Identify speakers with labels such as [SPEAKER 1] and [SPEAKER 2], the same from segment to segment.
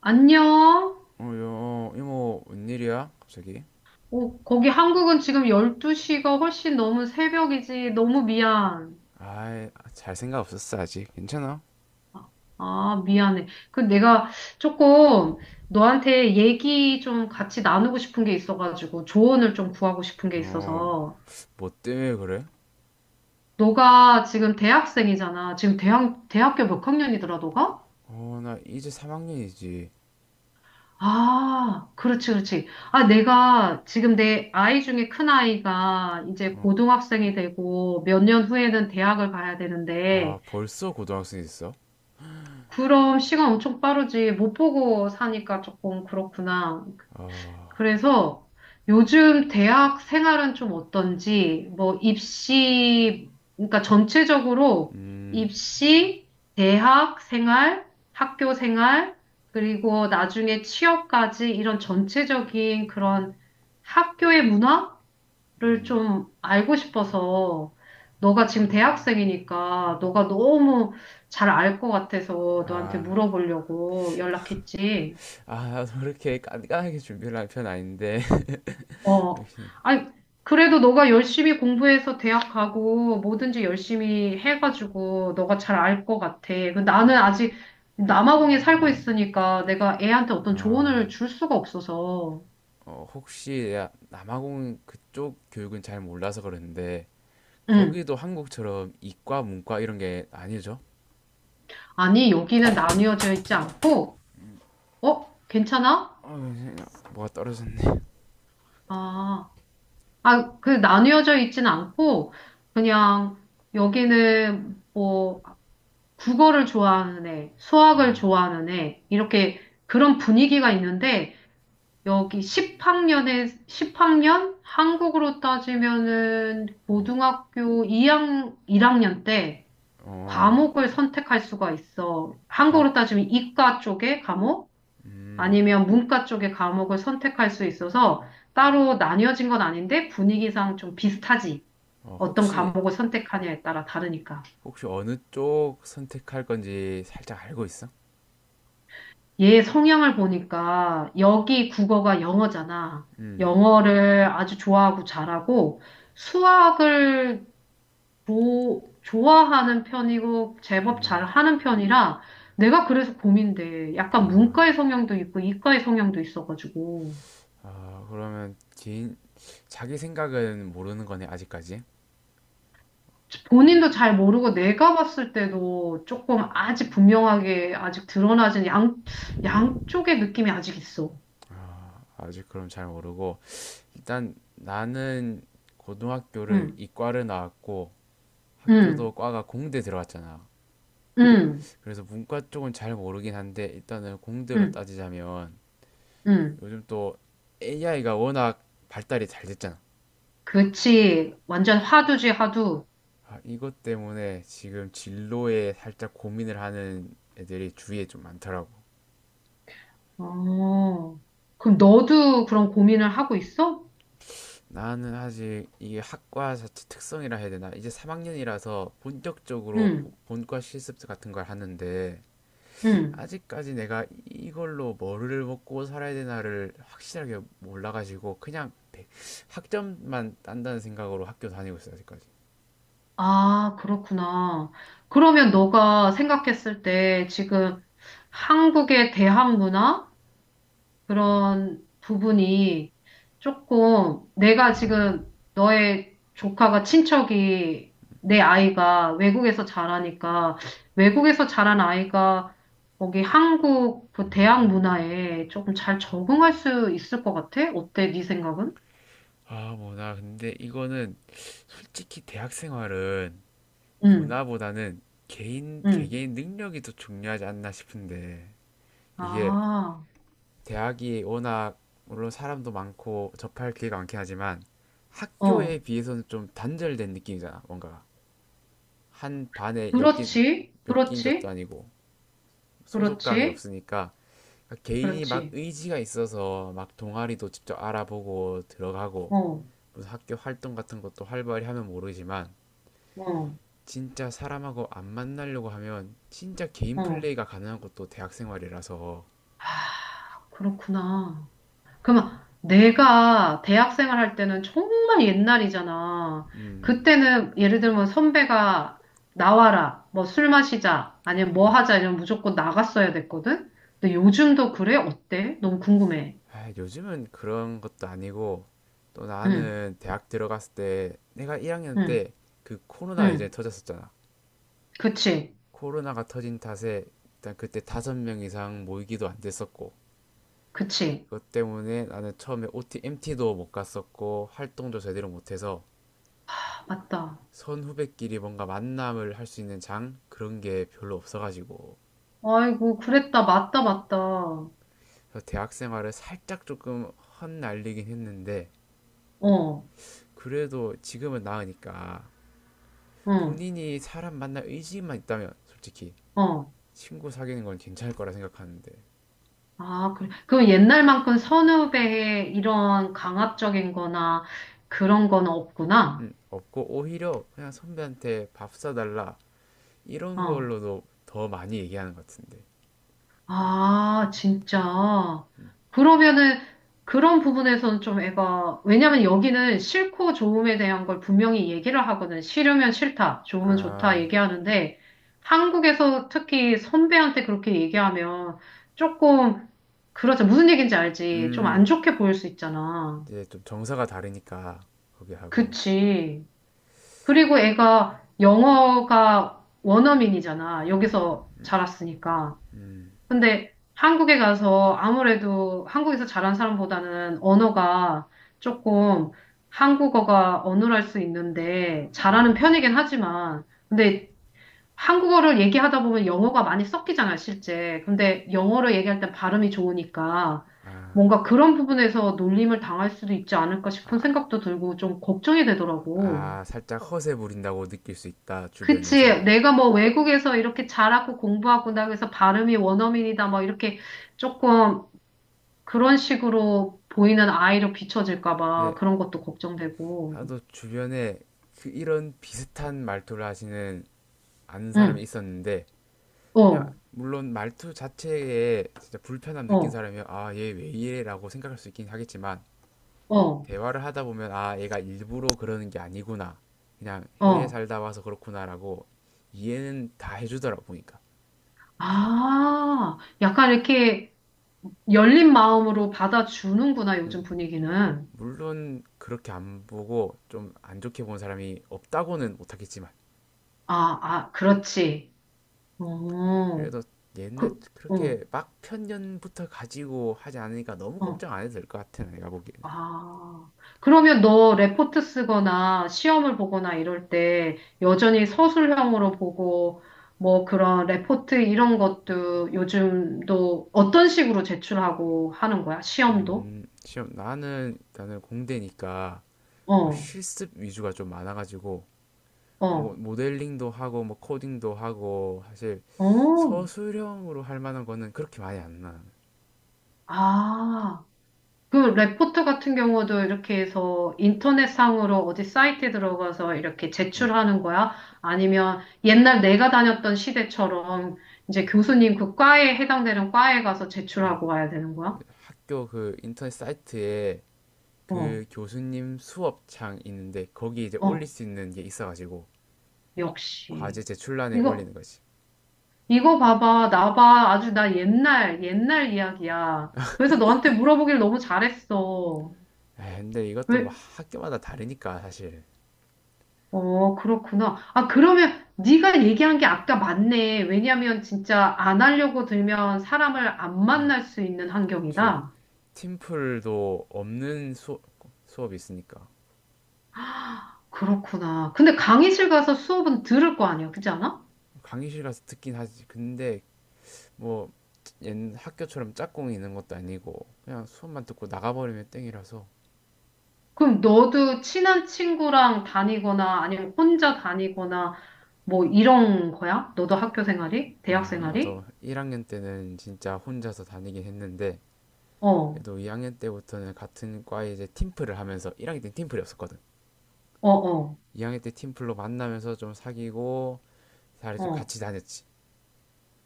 [SPEAKER 1] 안녕?
[SPEAKER 2] 어, 여, 이모, 웬일이야? 갑자기?
[SPEAKER 1] 오, 거기 한국은 지금 12시가 훨씬 너무 새벽이지. 너무 미안.
[SPEAKER 2] 아이, 잘 생각 없었어, 아직. 괜찮아?
[SPEAKER 1] 아, 미안해. 그 내가 조금 너한테 얘기 좀 같이 나누고 싶은 게 있어가지고 조언을 좀 구하고 싶은 게
[SPEAKER 2] 어,
[SPEAKER 1] 있어서.
[SPEAKER 2] 뭐 때문에 그래?
[SPEAKER 1] 너가 지금 대학생이잖아. 지금 대학교 몇 학년이더라, 너가?
[SPEAKER 2] 어, 나 이제 3학년이지.
[SPEAKER 1] 아, 그렇지, 그렇지. 아, 내가 지금 내 아이 중에 큰 아이가 이제 고등학생이 되고 몇 년 후에는 대학을 가야
[SPEAKER 2] 아,
[SPEAKER 1] 되는데
[SPEAKER 2] 벌써 고등학생이 됐어?
[SPEAKER 1] 그럼 시간 엄청 빠르지. 못 보고 사니까 조금 그렇구나. 그래서 요즘 대학 생활은 좀 어떤지, 뭐 입시, 그러니까 전체적으로
[SPEAKER 2] 음,
[SPEAKER 1] 입시, 대학 생활, 학교 생활, 그리고 나중에 취업까지 이런 전체적인 그런 학교의 문화? 를 좀 알고 싶어서 너가 지금 대학생이니까 너가 너무 잘 알 것 같아서 너한테
[SPEAKER 2] 아,
[SPEAKER 1] 물어보려고 연락했지.
[SPEAKER 2] 아, 나도 그렇게 깐깐하게 준비를 한 편 아닌데.
[SPEAKER 1] 어.
[SPEAKER 2] 역시,
[SPEAKER 1] 아니, 그래도 너가 열심히 공부해서 대학 가고 뭐든지 열심히 해가지고 너가 잘 알 것 같아. 근데 나는 아직 남아공에 살고 있으니까 내가 애한테 어떤
[SPEAKER 2] 아,
[SPEAKER 1] 조언을 줄 수가 없어서.
[SPEAKER 2] 어, 혹시, 야, 남아공 그쪽 교육은 잘 몰라서 그러는데,
[SPEAKER 1] 응.
[SPEAKER 2] 거기도 한국처럼 이과, 문과 이런 게 아니죠?
[SPEAKER 1] 아니, 여기는 나뉘어져 있지 않고, 어? 괜찮아?
[SPEAKER 2] 아, 뭐가 떨어졌네.
[SPEAKER 1] 아. 아, 그 나뉘어져 있진 않고 그냥 여기는 뭐 국어를 좋아하는 애, 수학을 좋아하는 애 이렇게 그런 분위기가 있는데 여기 10학년에 10학년 한국으로 따지면은 고등학교 1학년 때
[SPEAKER 2] 어,
[SPEAKER 1] 과목을 선택할 수가 있어.
[SPEAKER 2] 과,
[SPEAKER 1] 한국으로 따지면 이과 쪽의 과목 아니면 문과 쪽의 과목을 선택할 수 있어서 따로 나뉘어진 건 아닌데 분위기상 좀 비슷하지.
[SPEAKER 2] 어,
[SPEAKER 1] 어떤
[SPEAKER 2] 혹시
[SPEAKER 1] 과목을 선택하냐에 따라 다르니까.
[SPEAKER 2] 혹시 어느 쪽 선택할 건지 살짝 알고 있어?
[SPEAKER 1] 얘 성향을 보니까 여기 국어가 영어잖아.
[SPEAKER 2] 음,
[SPEAKER 1] 영어를 아주 좋아하고 잘하고 수학을 좋아하는 편이고 제법 잘하는 편이라 내가 그래서 고민돼. 약간 문과의 성향도 있고 이과의 성향도 있어가지고.
[SPEAKER 2] 아, 그러면 개인 자기 생각은 모르는 거네 아직까지.
[SPEAKER 1] 본인도 잘 모르고 내가 봤을 때도 조금 아직 분명하게 아직 양쪽의 느낌이 아직 있어.
[SPEAKER 2] 아직 그럼 잘 모르고 일단 나는 고등학교를
[SPEAKER 1] 응,
[SPEAKER 2] 이과를 나왔고 학교도
[SPEAKER 1] 응,
[SPEAKER 2] 과가 공대 들어갔잖아.
[SPEAKER 1] 응.
[SPEAKER 2] 그래서 문과 쪽은 잘 모르긴 한데 일단은 공대로
[SPEAKER 1] 응,
[SPEAKER 2] 따지자면
[SPEAKER 1] 응.
[SPEAKER 2] 요즘 또 AI가 워낙 발달이 잘 됐잖아.
[SPEAKER 1] 그치. 완전 화두지, 화두.
[SPEAKER 2] 아, 이것 때문에 지금 진로에 살짝 고민을 하는 애들이 주위에 좀 많더라고.
[SPEAKER 1] 어. 그럼 너도 그런 고민을 하고 있어?
[SPEAKER 2] 나는 아직 이게 학과 자체 특성이라 해야 되나? 이제 3학년이라서 본격적으로
[SPEAKER 1] 응,
[SPEAKER 2] 본과 실습 같은 걸 하는데
[SPEAKER 1] 응.
[SPEAKER 2] 아직까지 내가 이걸로 뭐를 먹고 살아야 되나를 확실하게 몰라가지고 그냥 백- 학점만 딴다는 생각으로 학교 다니고 있어 아직까지.
[SPEAKER 1] 아, 그렇구나. 그러면 너가 생각했을 때 지금 한국의 대학 문화? 그런 부분이 조금 내가 지금 너의 조카가 친척이 내 아이가 외국에서 자라니까 외국에서 자란 아이가 거기 한국 그 대학 문화에 조금 잘 적응할 수 있을 것 같아? 어때? 네 생각은?
[SPEAKER 2] 아, 뭐, 나 근데 이거는 솔직히 대학 생활은
[SPEAKER 1] 응,
[SPEAKER 2] 문화보다는
[SPEAKER 1] 응.
[SPEAKER 2] 개개인 능력이 더 중요하지 않나 싶은데, 이게
[SPEAKER 1] 아,
[SPEAKER 2] 대학이 워낙, 물론 사람도 많고 접할 기회가 많긴 하지만, 학교에
[SPEAKER 1] 어.
[SPEAKER 2] 비해서는 좀 단절된 느낌이잖아, 뭔가 한 반에 엮인,
[SPEAKER 1] 그렇지,
[SPEAKER 2] 엮인 것도
[SPEAKER 1] 그렇지,
[SPEAKER 2] 아니고, 소속감이
[SPEAKER 1] 그렇지,
[SPEAKER 2] 없으니까, 그러니까 개인이 막
[SPEAKER 1] 그렇지.
[SPEAKER 2] 의지가 있어서 막 동아리도 직접 알아보고 들어가고,
[SPEAKER 1] 어,
[SPEAKER 2] 무슨 학교 활동 같은 것도 활발히 하면 모르지만,
[SPEAKER 1] 어,
[SPEAKER 2] 진짜 사람하고 안 만나려고 하면 진짜 개인
[SPEAKER 1] 어.
[SPEAKER 2] 플레이가 가능한 것도 대학 생활이라서.
[SPEAKER 1] 그렇구나. 그러면 내가 대학생활 할 때는 정말 옛날이잖아. 그때는 예를 들면 선배가 나와라, 뭐 술 마시자, 아니면 뭐 하자 이러면 무조건 나갔어야 됐거든? 근데 요즘도 그래? 어때? 너무 궁금해.
[SPEAKER 2] 아, 요즘은 그런 것도 아니고 또
[SPEAKER 1] 응,
[SPEAKER 2] 나는 대학 들어갔을 때 내가 1학년
[SPEAKER 1] 응,
[SPEAKER 2] 때 그 코로나 예전에
[SPEAKER 1] 응.
[SPEAKER 2] 터졌었잖아.
[SPEAKER 1] 그치,
[SPEAKER 2] 코로나가 터진 탓에 일단 그때 5명 이상 모이기도 안 됐었고
[SPEAKER 1] 그치.
[SPEAKER 2] 그것 때문에 나는 처음에 OT, MT도 못 갔었고 활동도 제대로 못해서
[SPEAKER 1] 아, 맞다.
[SPEAKER 2] 선후배끼리 뭔가 만남을 할 수 있는 장 그런 게 별로 없어가지고
[SPEAKER 1] 아이고, 그랬다. 맞다, 맞다. 어,
[SPEAKER 2] 그래서 대학 생활을 살짝 조금 헛날리긴 했는데 그래도 지금은 나으니까
[SPEAKER 1] 응,
[SPEAKER 2] 본인이 사람 만날 의지만 있다면 솔직히
[SPEAKER 1] 어.
[SPEAKER 2] 친구 사귀는 건 괜찮을 거라 생각하는데.
[SPEAKER 1] 아, 그래. 그럼 옛날만큼 선후배의 이런 강압적인 거나 그런 건 없구나.
[SPEAKER 2] 없고 오히려 그냥 선배한테 밥 사달라 이런
[SPEAKER 1] 어.
[SPEAKER 2] 걸로도 더 많이 얘기하는 것 같은데.
[SPEAKER 1] 아, 진짜. 그러면은 그런 부분에서는 좀 애가, 왜냐면 여기는 싫고 좋음에 대한 걸 분명히 얘기를 하거든. 싫으면 싫다, 좋으면 좋다
[SPEAKER 2] 아,
[SPEAKER 1] 얘기하는데 한국에서 특히 선배한테 그렇게 얘기하면 조금, 그렇죠. 무슨 얘기인지 알지. 좀 안
[SPEAKER 2] 음,
[SPEAKER 1] 좋게 보일 수 있잖아.
[SPEAKER 2] 이제 좀 정서가 다르니까 거기 하고.
[SPEAKER 1] 그치. 그리고 애가 영어가 원어민이잖아. 여기서 자랐으니까. 근데 한국에 가서 아무래도 한국에서 자란 사람보다는 언어가 조금 한국어가 어눌할 수 있는데 잘하는 편이긴 하지만 근데 한국어를 얘기하다 보면 영어가 많이 섞이잖아, 실제. 근데 영어를 얘기할 땐 발음이 좋으니까 뭔가 그런 부분에서 놀림을 당할 수도 있지 않을까 싶은 생각도 들고 좀 걱정이 되더라고.
[SPEAKER 2] 아 살짝 허세 부린다고 느낄 수 있다
[SPEAKER 1] 그치.
[SPEAKER 2] 주변에서.
[SPEAKER 1] 내가 뭐 외국에서 이렇게 자랐고 공부하고 나그래서 발음이 원어민이다 뭐 이렇게 조금 그런 식으로 보이는 아이로 비춰질까 봐
[SPEAKER 2] 근데
[SPEAKER 1] 그런 것도 걱정되고.
[SPEAKER 2] 나도 주변에 그 이런 비슷한 말투를 하시는 아는 사람이
[SPEAKER 1] 응.
[SPEAKER 2] 있었는데 그냥
[SPEAKER 1] 어,
[SPEAKER 2] 물론 말투 자체에 진짜 불편함 느낀
[SPEAKER 1] 어,
[SPEAKER 2] 사람이면 아, 얘 왜 이래라고 생각할 수 있긴 하겠지만
[SPEAKER 1] 어,
[SPEAKER 2] 대화를 하다 보면 아, 얘가 일부러 그러는 게 아니구나. 그냥 해외에
[SPEAKER 1] 어.
[SPEAKER 2] 살다 와서 그렇구나라고 이해는 다 해주더라 보니까.
[SPEAKER 1] 아, 약간 이렇게 열린 마음으로 받아주는구나, 요즘 분위기는.
[SPEAKER 2] 물론 그렇게 안 보고 좀 안 좋게 본 사람이 없다고는 못하겠지만
[SPEAKER 1] 아, 아, 그렇지. 어,
[SPEAKER 2] 그래도 옛날
[SPEAKER 1] 그, 어,
[SPEAKER 2] 그렇게 막 편견부터 가지고 하지 않으니까 너무
[SPEAKER 1] 어,
[SPEAKER 2] 걱정 안 해도 될 것 같아 내가 보기에.
[SPEAKER 1] 아, 그러면 너 레포트 쓰거나 시험을 보거나 이럴 때 여전히 서술형으로 보고 뭐 그런 레포트 이런 것도 요즘도 어떤 식으로 제출하고 하는 거야? 시험도?
[SPEAKER 2] 시험 나는 공대니까 뭐
[SPEAKER 1] 어,
[SPEAKER 2] 실습 위주가 좀 많아가지고 뭐
[SPEAKER 1] 어,
[SPEAKER 2] 모델링도 하고 뭐 코딩도 하고 사실
[SPEAKER 1] 어.
[SPEAKER 2] 서술형으로 할 만한 거는 그렇게 많이 안 나.
[SPEAKER 1] 아, 그 레포트 같은 경우도 이렇게 해서 인터넷상으로 어디 사이트에 들어가서 이렇게 제출하는 거야? 아니면 옛날 내가 다녔던 시대처럼 이제 교수님 그 과에 해당되는 과에 가서 제출하고 와야 되는 거야?
[SPEAKER 2] 학교 그 인터넷 사이트에
[SPEAKER 1] 어,
[SPEAKER 2] 그 교수님 수업창 있는데 거기 이제 올릴
[SPEAKER 1] 어,
[SPEAKER 2] 수 있는 게 있어가지고
[SPEAKER 1] 역시.
[SPEAKER 2] 과제 제출란에
[SPEAKER 1] 이거,
[SPEAKER 2] 올리는 거지.
[SPEAKER 1] 이거 봐봐. 나 봐. 아주 나 옛날, 옛날 이야기야. 그래서 너한테 물어보길 너무 잘했어.
[SPEAKER 2] 에 근데 이것도 뭐 학교마다 다르니까 사실.
[SPEAKER 1] 어, 그렇구나. 아, 그러면 네가 얘기한 게 아까 맞네. 왜냐면 진짜 안 하려고 들면 사람을 안
[SPEAKER 2] 음,
[SPEAKER 1] 만날 수 있는
[SPEAKER 2] 그치.
[SPEAKER 1] 환경이다.
[SPEAKER 2] 팀플도 없는 수, 수업이 있으니까.
[SPEAKER 1] 그렇구나. 근데 강의실 가서 수업은 들을 거 아니야. 그렇지 않아?
[SPEAKER 2] 강의실 가서 듣긴 하지. 근데 뭐 옛 학교처럼 짝꿍이 있는 것도 아니고 그냥 수업만 듣고 나가버리면 땡이라서.
[SPEAKER 1] 그럼 너도 친한 친구랑 다니거나 아니면 혼자 다니거나 뭐 이런 거야? 너도 학교 생활이? 대학
[SPEAKER 2] 아
[SPEAKER 1] 생활이?
[SPEAKER 2] 나도 1학년 때는 진짜 혼자서 다니긴 했는데
[SPEAKER 1] 어,
[SPEAKER 2] 그래도 2학년 때부터는 같은 과에 이제 팀플을 하면서 1학년 때 팀플이 없었거든.
[SPEAKER 1] 어, 어,
[SPEAKER 2] 2학년 때 팀플로 만나면서 좀 사귀고 다리 좀
[SPEAKER 1] 어.
[SPEAKER 2] 같이 다녔지.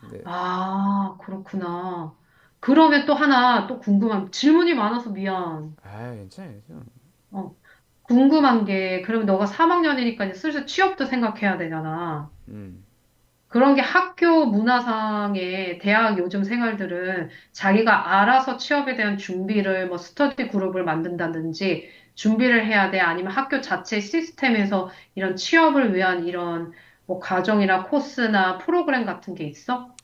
[SPEAKER 2] 근데.
[SPEAKER 1] 아, 그렇구나. 그러면 또 하나 또 궁금한 질문이 많아서 미안.
[SPEAKER 2] 아 괜찮아요. 괜찮아.
[SPEAKER 1] 어. 궁금한 게, 그럼 너가 3학년이니까 이제 슬슬 취업도 생각해야 되잖아.
[SPEAKER 2] 음
[SPEAKER 1] 그런 게 학교 문화상의 대학 요즘 생활들은 자기가 알아서 취업에 대한 준비를 뭐 스터디 그룹을 만든다든지 준비를 해야 돼. 아니면 학교 자체 시스템에서 이런 취업을 위한 이런 뭐 과정이나 코스나 프로그램 같은 게 있어?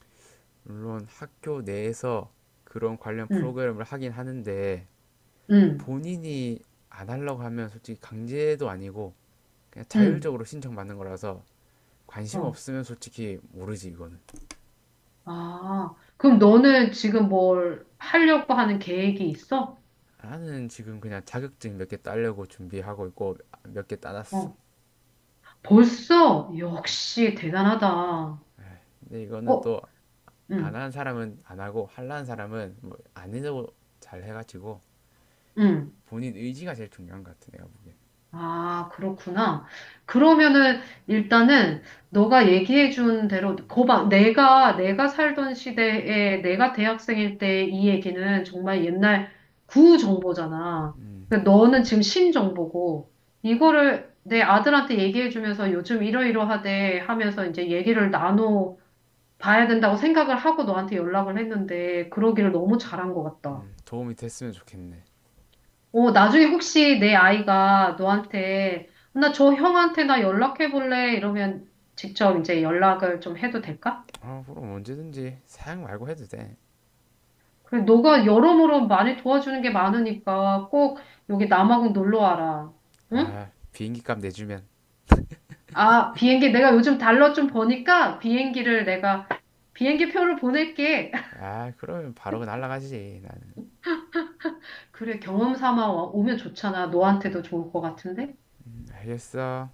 [SPEAKER 2] 물론 학교 내에서 그런 관련
[SPEAKER 1] 응,
[SPEAKER 2] 프로그램을 하긴 하는데
[SPEAKER 1] 응,
[SPEAKER 2] 본인이 안 하려고 하면 솔직히 강제도 아니고 그냥
[SPEAKER 1] 응.
[SPEAKER 2] 자율적으로 신청받는 거라서 관심
[SPEAKER 1] 어.
[SPEAKER 2] 없으면 솔직히 모르지 이거는.
[SPEAKER 1] 아, 그럼 너는 지금 뭘 하려고 하는 계획이 있어?
[SPEAKER 2] 나는 지금 그냥 자격증 몇 개 따려고 준비하고 있고 몇 개 따놨어.
[SPEAKER 1] 어. 벌써? 역시 대단하다.
[SPEAKER 2] 근데 이거는
[SPEAKER 1] 어,
[SPEAKER 2] 또 안
[SPEAKER 1] 응,
[SPEAKER 2] 하는 사람은 안 하고 할라는 사람은 뭐 안 해도 잘 해가지고
[SPEAKER 1] 응.
[SPEAKER 2] 본인 의지가 제일 중요한 것 같아 내가 보기엔.
[SPEAKER 1] 아, 그렇구나. 그러면은 일단은 너가 얘기해 준 대로 거봐. 내가 내가 살던 시대에 내가 대학생일 때 이 얘기는 정말 옛날 구정보잖아. 근데
[SPEAKER 2] 그렇지.
[SPEAKER 1] 너는 지금 신정보고 이거를 내 아들한테 얘기해 주면서 요즘 이러이러하대 하면서 이제 얘기를 나눠 봐야 된다고 생각을 하고 너한테 연락을 했는데 그러기를 너무 잘한 것 같다.
[SPEAKER 2] 도움이 됐으면 좋겠네.
[SPEAKER 1] 어, 나중에 혹시 내 아이가 너한테, 나 저 형한테 나 연락해 볼래? 이러면 직접 이제 연락을 좀 해도 될까?
[SPEAKER 2] 아 그럼 언제든지 사양 말고 해도 돼.
[SPEAKER 1] 그래, 너가 여러모로 많이 도와주는 게 많으니까 꼭 여기 남아공 놀러 와라. 응?
[SPEAKER 2] 아 비행기 값 내주면.
[SPEAKER 1] 아, 비행기 내가 요즘 달러 좀 버니까 비행기를 내가 비행기 표를 보낼게.
[SPEAKER 2] 아, 그러면 바로 그 날라가지. 나는
[SPEAKER 1] 그래, 경험 삼아 오면 좋잖아. 너한테도 좋을 것 같은데?
[SPEAKER 2] 알겠어.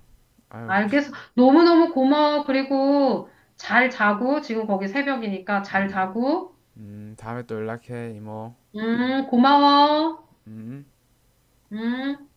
[SPEAKER 2] 아유, 피.
[SPEAKER 1] 알겠어. 너무너무 고마워. 그리고 잘 자고, 지금 거기 새벽이니까 잘 자고,
[SPEAKER 2] 다음에 또 연락해, 이모.
[SPEAKER 1] 고마워.
[SPEAKER 2] 음.
[SPEAKER 1] 음.